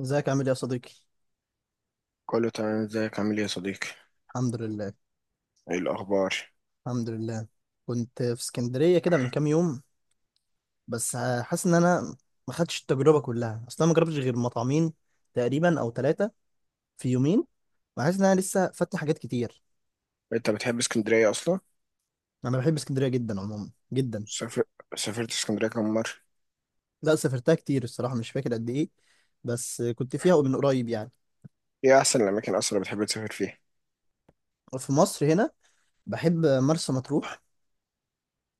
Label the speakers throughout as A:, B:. A: ازيك عامل ايه يا صديقي؟
B: كله تمام. ازيك؟ عامل ايه يا صديقي؟
A: الحمد لله.
B: ايه الاخبار؟
A: الحمد لله. كنت في اسكندريه كده من كام يوم، بس حاسس ان انا ما خدتش التجربه كلها، اصلا ما جربتش غير مطعمين تقريبا او ثلاثه في يومين، وحاسس ان انا لسه فاتني حاجات كتير.
B: انت بتحب اسكندريه اصلا؟
A: انا بحب اسكندريه جدا عموما، جدا.
B: سافر... سافرت اسكندريه كم مره؟
A: لا، سافرتها كتير الصراحه، مش فاكر قد ايه، بس كنت فيها من قريب يعني.
B: ايه احسن الاماكن اصلا اللي بتحب تسافر فيها؟
A: وفي مصر هنا بحب مرسى مطروح،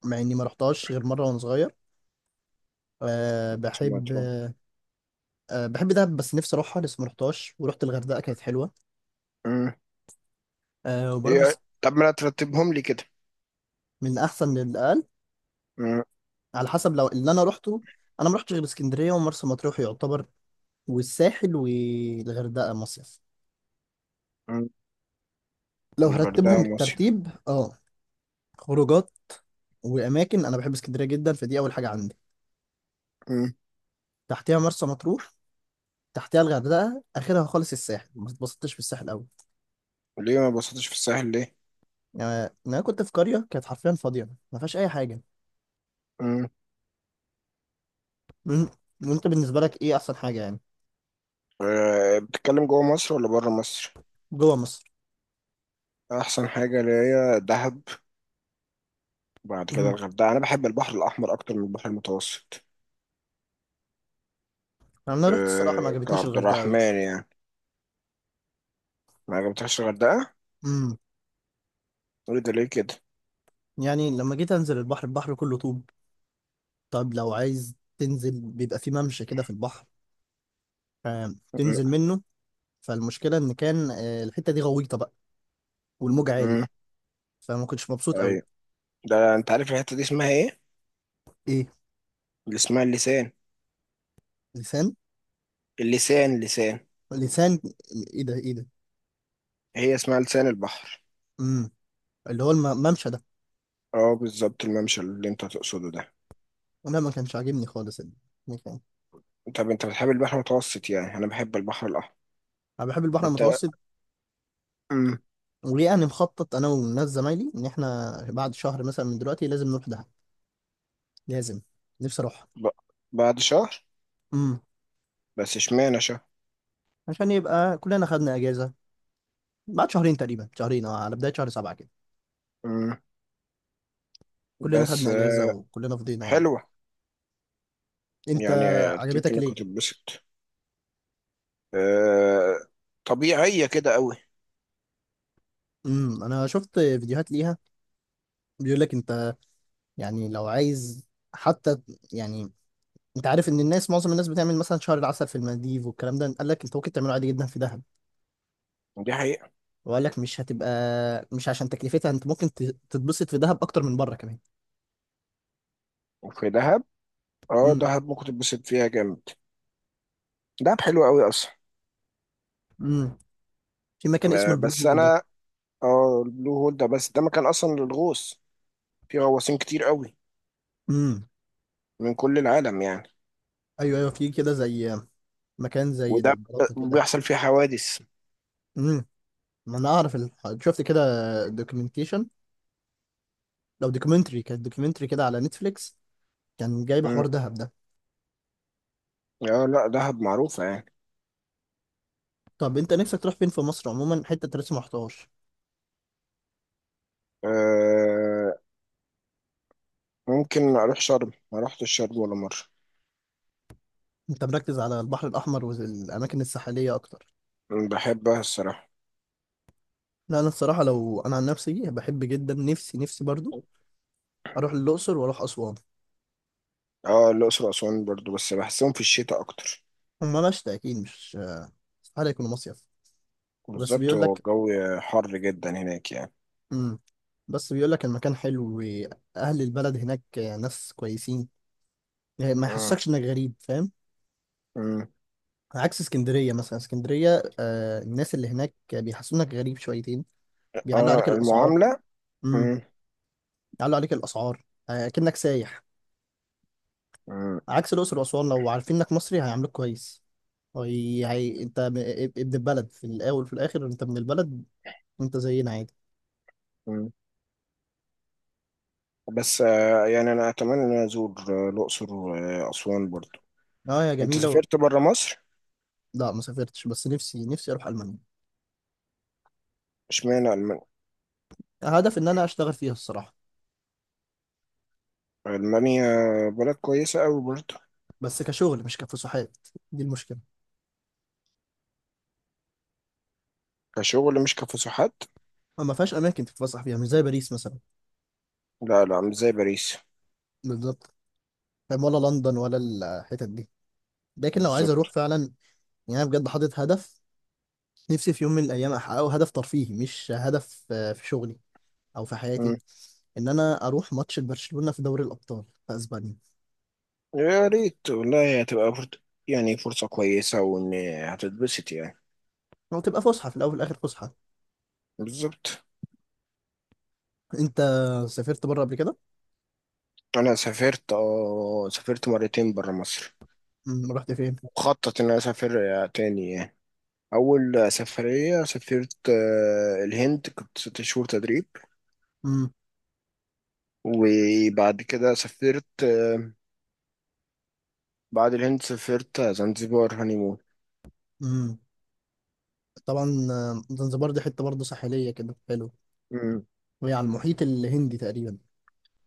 A: مع اني ما رحتهاش غير مره وانا صغير. أه
B: ثم
A: بحب.
B: تروح؟
A: أه بحب دهب، بس نفسي اروحها لسه ما رحتهاش، ورحت الغردقه كانت حلوه.
B: امم.
A: أه وبروح
B: ايه؟ طب ما ترتبهم لي كده.
A: من احسن للاقل،
B: امم.
A: على حسب لو اللي انا روحته. انا ما رحتش غير اسكندريه ومرسى مطروح يعتبر، والساحل والغردقه مصيف.
B: امم
A: لو
B: والغردقه
A: هرتبهم
B: ومصر؟
A: بالترتيب، اه، خروجات واماكن، انا بحب اسكندريه جدا، فدي اول حاجه عندي.
B: امم.
A: تحتها مرسى مطروح، تحتها الغردقه، اخرها خالص الساحل، ما اتبسطتش في الساحل قوي.
B: ليه ما بسطتش في الساحل ليه؟
A: يعني انا كنت في قريه كانت حرفيا فاضيه ما فيهاش اي حاجه.
B: امم.
A: مم. وانت بالنسبه لك ايه احسن حاجه يعني؟
B: أه، بتتكلم جوه مصر ولا بره مصر؟
A: جوه مصر.
B: احسن حاجه اللي هي دهب. وبعد كده
A: امم،
B: الغردقه. انا بحب البحر الاحمر اكتر من البحر المتوسط.
A: انا رحت الصراحه ما
B: أه،
A: عجبتنيش
B: كعبد
A: الغردقه
B: الرحمن يعني. ما عجبتكش الغردقه؟
A: قوي.
B: قول ده ليه كده.
A: يعني لما جيت انزل البحر، البحر كله طوب. طب لو عايز تنزل، بيبقى في ممشى كده في البحر، تنزل منه. فالمشكله ان كان، الحته دي غويطه بقى، والموج عالي،
B: امم.
A: فما كنتش مبسوط قوي.
B: ايوه. ده انت عارف الحته دي اسمها ايه؟
A: ايه؟
B: اللي اسمها اللسان
A: لسان.
B: اللسان لسان.
A: لسان. ايه ده؟ ايه ده؟
B: هي اسمها لسان البحر.
A: امم، اللي هو الممشى ده.
B: اه، بالظبط. الممشى اللي انت تقصده ده.
A: انا ما كانش عاجبني خالص المكان.
B: طب انت بتحب البحر المتوسط؟ يعني انا بحب البحر الاحمر.
A: انا بحب البحر
B: انت؟
A: المتوسط.
B: امم.
A: ويعني مخطط انا والناس زمايلي ان احنا بعد شهر مثلا من دلوقتي لازم نروح دهب. لازم. نفسي اروح.
B: ب... بعد شهر؟
A: امم.
B: بس اشمعنى شهر؟
A: عشان يبقى كلنا خدنا اجازه بعد شهرين تقريبا، شهرين اه، على بداية شهر سبعة كده.
B: امم.
A: كلنا
B: بس.
A: خدنا اجازة وكلنا فضينا يعني.
B: حلوه
A: انت.
B: يعني. افتكر
A: عجبتك
B: انك
A: ليه؟
B: هتتبسط. آه... طبيعيه كده قوي.
A: امم، انا شفت فيديوهات ليها. بيقول لك انت، يعني لو عايز، حتى، يعني، انت عارف ان الناس، معظم الناس بتعمل مثلا شهر العسل في المالديف والكلام ده، قال لك انت ممكن تعمله عادي جدا في دهب.
B: دي حقيقه.
A: وقال لك مش هتبقى، مش عشان تكلفتها، انت ممكن تتبسط في دهب اكتر من بره كمان.
B: وفي دهب، اه
A: امم.
B: دهب ممكن تتبسط فيها جامد. دهب حلوه قوي اصلا.
A: امم. في مكان اسمه البلو
B: بس
A: هول ده.
B: انا اه البلو هول ده. بس ده مكان اصلا للغوص. في غواصين كتير قوي،
A: امم.
B: من كل العالم يعني.
A: ايوه ايوه، في كده زي مكان زي
B: وده
A: البلاطه كده.
B: بيحصل فيه حوادث.
A: مم. ما انا اعرف شفت كده دوكيومنتيشن، لو دوكيومنتري، كانت دوكيومنتري كده على نتفليكس، كان جايب حوار
B: مم.
A: دهب ده.
B: اه، لا دهب معروفة يعني.
A: طب انت نفسك تروح فين في مصر عموما، حته انت لسه ما رحتهاش؟
B: آه، ممكن اروح شرم. ما رحتش شرم ولا مرة.
A: انت مركز على البحر الاحمر والاماكن الساحليه اكتر.
B: بحبها الصراحة.
A: لا انا الصراحه، لو انا عن نفسي بحب جدا، نفسي نفسي برضو اروح الاقصر واروح اسوان.
B: اه، الاقصر واسوان برضو. بس بحسهم في الشتاء اكتر.
A: هما مشتى اكيد، مش استحاله يكونوا مصيف. بس
B: بالظبط.
A: بيقول
B: هو
A: لك.
B: الجو حر جدا هناك يعني.
A: امم. بس بيقول لك المكان حلو واهل البلد هناك ناس كويسين، يعني ما
B: مم.
A: يحسكش انك غريب، فاهم؟
B: مم.
A: عكس اسكندريه مثلا، اسكندريه آه، الناس اللي هناك بيحسونك غريب شويتين، بيعلوا عليك
B: اه،
A: الاسعار.
B: المعاملة.
A: امم.
B: مم.
A: يعلوا عليك الاسعار، آه، كأنك سايح.
B: مم.
A: عكس الاقصر واسوان، لو عارفين انك مصري هيعاملوك كويس. هي... هي... ابن البلد في الاول وفي الاخر، انت من البلد، انت زينا عادي.
B: مم. بس يعني انا اتمنى ان أنا ازور الاقصر واسوان برضو.
A: اه يا
B: انت
A: جميله و...
B: سافرت بره مصر؟
A: لا ما سافرتش، بس نفسي نفسي اروح المانيا.
B: اشمعنى المانيا؟
A: هدف ان انا اشتغل فيها الصراحه.
B: المانيا بلد كويسه قوي برضه.
A: بس كشغل مش كفسحات، دي المشكله.
B: كشغل مش كفسحات؟
A: ما فيهاش اماكن تتفسح فيها مش زي باريس مثلا،
B: لا، لا، مش زي باريس.
A: بالظبط، فاهم؟ ولا لندن ولا الحتت دي. لكن لو عايز اروح
B: بالظبط.
A: فعلا، يعني انا بجد حاطط هدف، نفسي في يوم من الايام احققه، هدف ترفيهي مش هدف، في شغلي او في حياتي.
B: مم.
A: ان انا اروح ماتش برشلونة في دوري الابطال في اسبانيا.
B: يا ريت والله. هتبقى فرصة، يعني فرصه كويسه، وان هتتبسط يعني.
A: هو تبقى فسحه، في الاول والاخر فسحه.
B: بالظبط.
A: انت سافرت بره قبل كده؟
B: انا سافرت، سافرت مرتين بره مصر.
A: امم، رحت فين؟
B: مخطط ان انا اسافر تاني يعني. اول سفريه سافرت الهند، كنت ست شهور تدريب.
A: امم.
B: وبعد كده سافرت آه، بعد الهند سافرت زنزبار هانيمون.
A: امم. طبعا زنزبار دي حته برضه ساحليه كده، حلو.
B: امم.
A: وهي على المحيط الهندي تقريبا.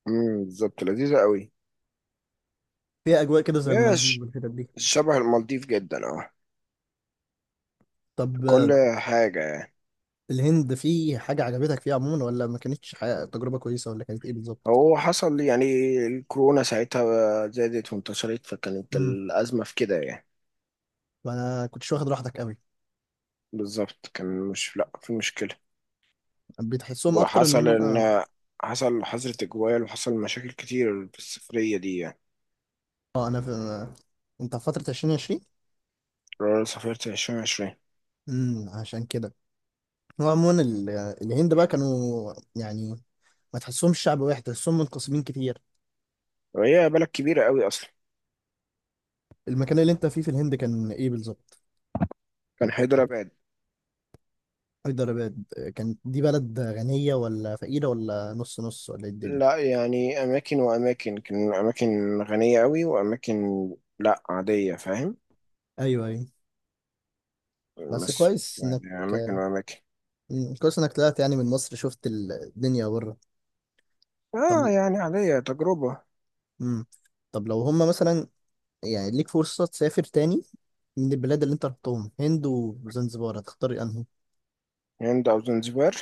B: بالظبط. لذيذة قوي.
A: فيها اجواء كده زي
B: هي
A: المالديف والحتت دي.
B: شبه المالديف جدا، اه. في
A: طب
B: كل حاجة يعني.
A: الهند في حاجه عجبتك فيها عموما، ولا ما كانتش تجربه كويسه، ولا كانت ايه بالظبط؟
B: هو حصل لي يعني الكورونا ساعتها زادت وانتشرت، فكانت الأزمة في كده يعني.
A: ما انا كنتش واخد راحتك قوي.
B: بالظبط. كان مش، لا، في مشكلة.
A: بتحسهم اكتر ان
B: وحصل
A: هم اه.
B: إن حصل حظر تجوال، وحصل مشاكل كتير في السفرية دي يعني.
A: اه انا في... انت في فترة 2020.
B: أنا سافرت 2020.
A: امم، عشان كده. هو عموما ال... الهند بقى كانوا يعني ما تحسهمش شعب واحد، تحسهم منقسمين كتير.
B: وهي بلد كبيرة قوي أصلا.
A: المكان اللي انت فيه في الهند كان ايه بالظبط؟
B: كان حيدراباد.
A: هيدرباد. كانت دي بلد غنية ولا فقيرة ولا نص نص، ولا ايه الدنيا؟
B: لا يعني، أماكن وأماكن. كان أماكن غنية أوي، وأماكن لا، عادية، فاهم.
A: ايوه ايوه. بس
B: بس
A: كويس انك.
B: يعني أماكن وأماكن.
A: مم، كويس انك طلعت يعني من مصر، شفت الدنيا بره. طب.
B: آه، يعني عادية تجربة.
A: امم. طب لو هم مثلا، يعني ليك فرصة تسافر تاني من البلاد اللي انت رحتهم، هند وزنزبار، هتختار انهي؟
B: هند أو زنزبار؟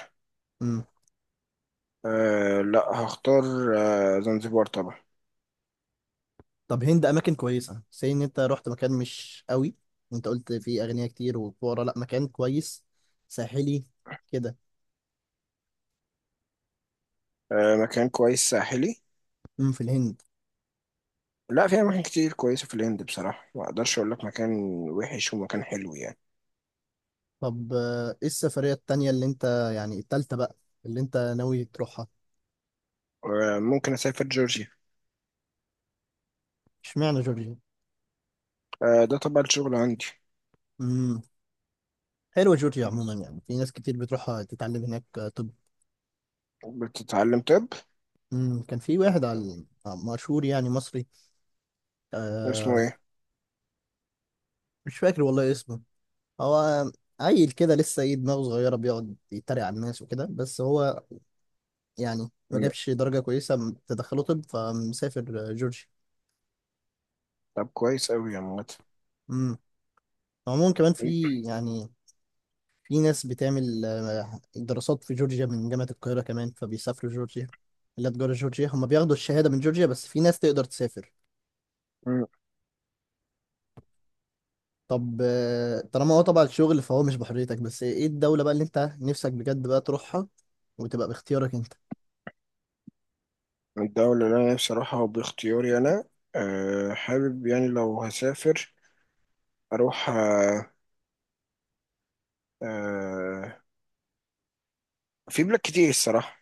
A: امم.
B: آه، لا، هختار زنزبار طبعا.
A: طب هند، اماكن كويسة سي ان انت رحت مكان مش قوي، انت قلت فيه اغنياء كتير وفقراء، لا مكان كويس ساحلي كده.
B: آه، مكان كويس ساحلي.
A: امم، في الهند.
B: لا، في أماكن كتير كويسة في الهند بصراحة. ما أقدرش أقول لك مكان وحش ومكان حلو يعني.
A: طب ايه السفرية التانية اللي انت، يعني التالتة بقى، اللي انت ناوي تروحها؟
B: آه، ممكن أسافر جورجيا.
A: اشمعنى جورجيا؟
B: آه، ده طبعا الشغل عندي.
A: امم. حلوة جورجيا عموما، يعني في ناس كتير بتروحها تتعلم هناك، طب.
B: بتتعلم طب؟
A: امم، كان في واحد على، مشهور يعني، مصري،
B: اسمه
A: آه،
B: إيه؟
A: مش فاكر والله اسمه. هو عيل كده لسه، ايه، دماغه صغيرة، بيقعد يتريق على الناس وكده، بس هو يعني ما
B: مم،
A: جابش درجة كويسة تدخله طب، فمسافر جورجيا.
B: طب كويس أوي يا عمت.
A: امم. عموما كمان في يعني، في ناس بتعمل دراسات في جورجيا من جامعة القاهرة كمان، فبيسافروا جورجيا. لا، تجارة جورجيا، هم بياخدوا الشهادة من جورجيا، بس في ناس تقدر تسافر.
B: مم.
A: طب طالما هو طبعا الشغل، فهو مش بحريتك، بس ايه الدولة بقى اللي انت نفسك بجد بقى تروحها وتبقى باختيارك انت؟
B: الدولة اللي أنا نفسي أروحها وباختياري أنا؟ أه، حابب يعني لو هسافر أروح آه، في بلاد كتير الصراحة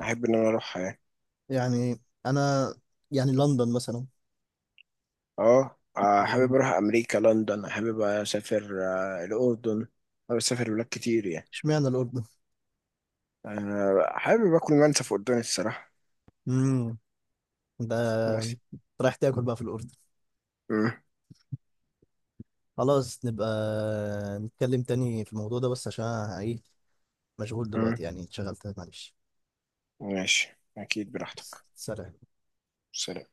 B: أحب إن أنا أروحها يعني.
A: يعني انا، يعني لندن مثلا.
B: أه، حابب
A: مم.
B: أروح أمريكا، لندن، حابب أسافر الأردن. حابب أسافر بلاد كتير يعني.
A: اشمعنى الاردن؟
B: أه، حابب آكل منسف قدامي الصراحة.
A: امم. ده.
B: بس.
A: رايح تاكل بقى في الاردن.
B: مم.
A: خلاص نبقى نتكلم تاني في الموضوع ده، بس عشان أنا ايه، مشغول
B: مم.
A: دلوقتي يعني، اتشغلت، معلش.
B: ماشي، أكيد براحتك.
A: سلام.
B: سلام.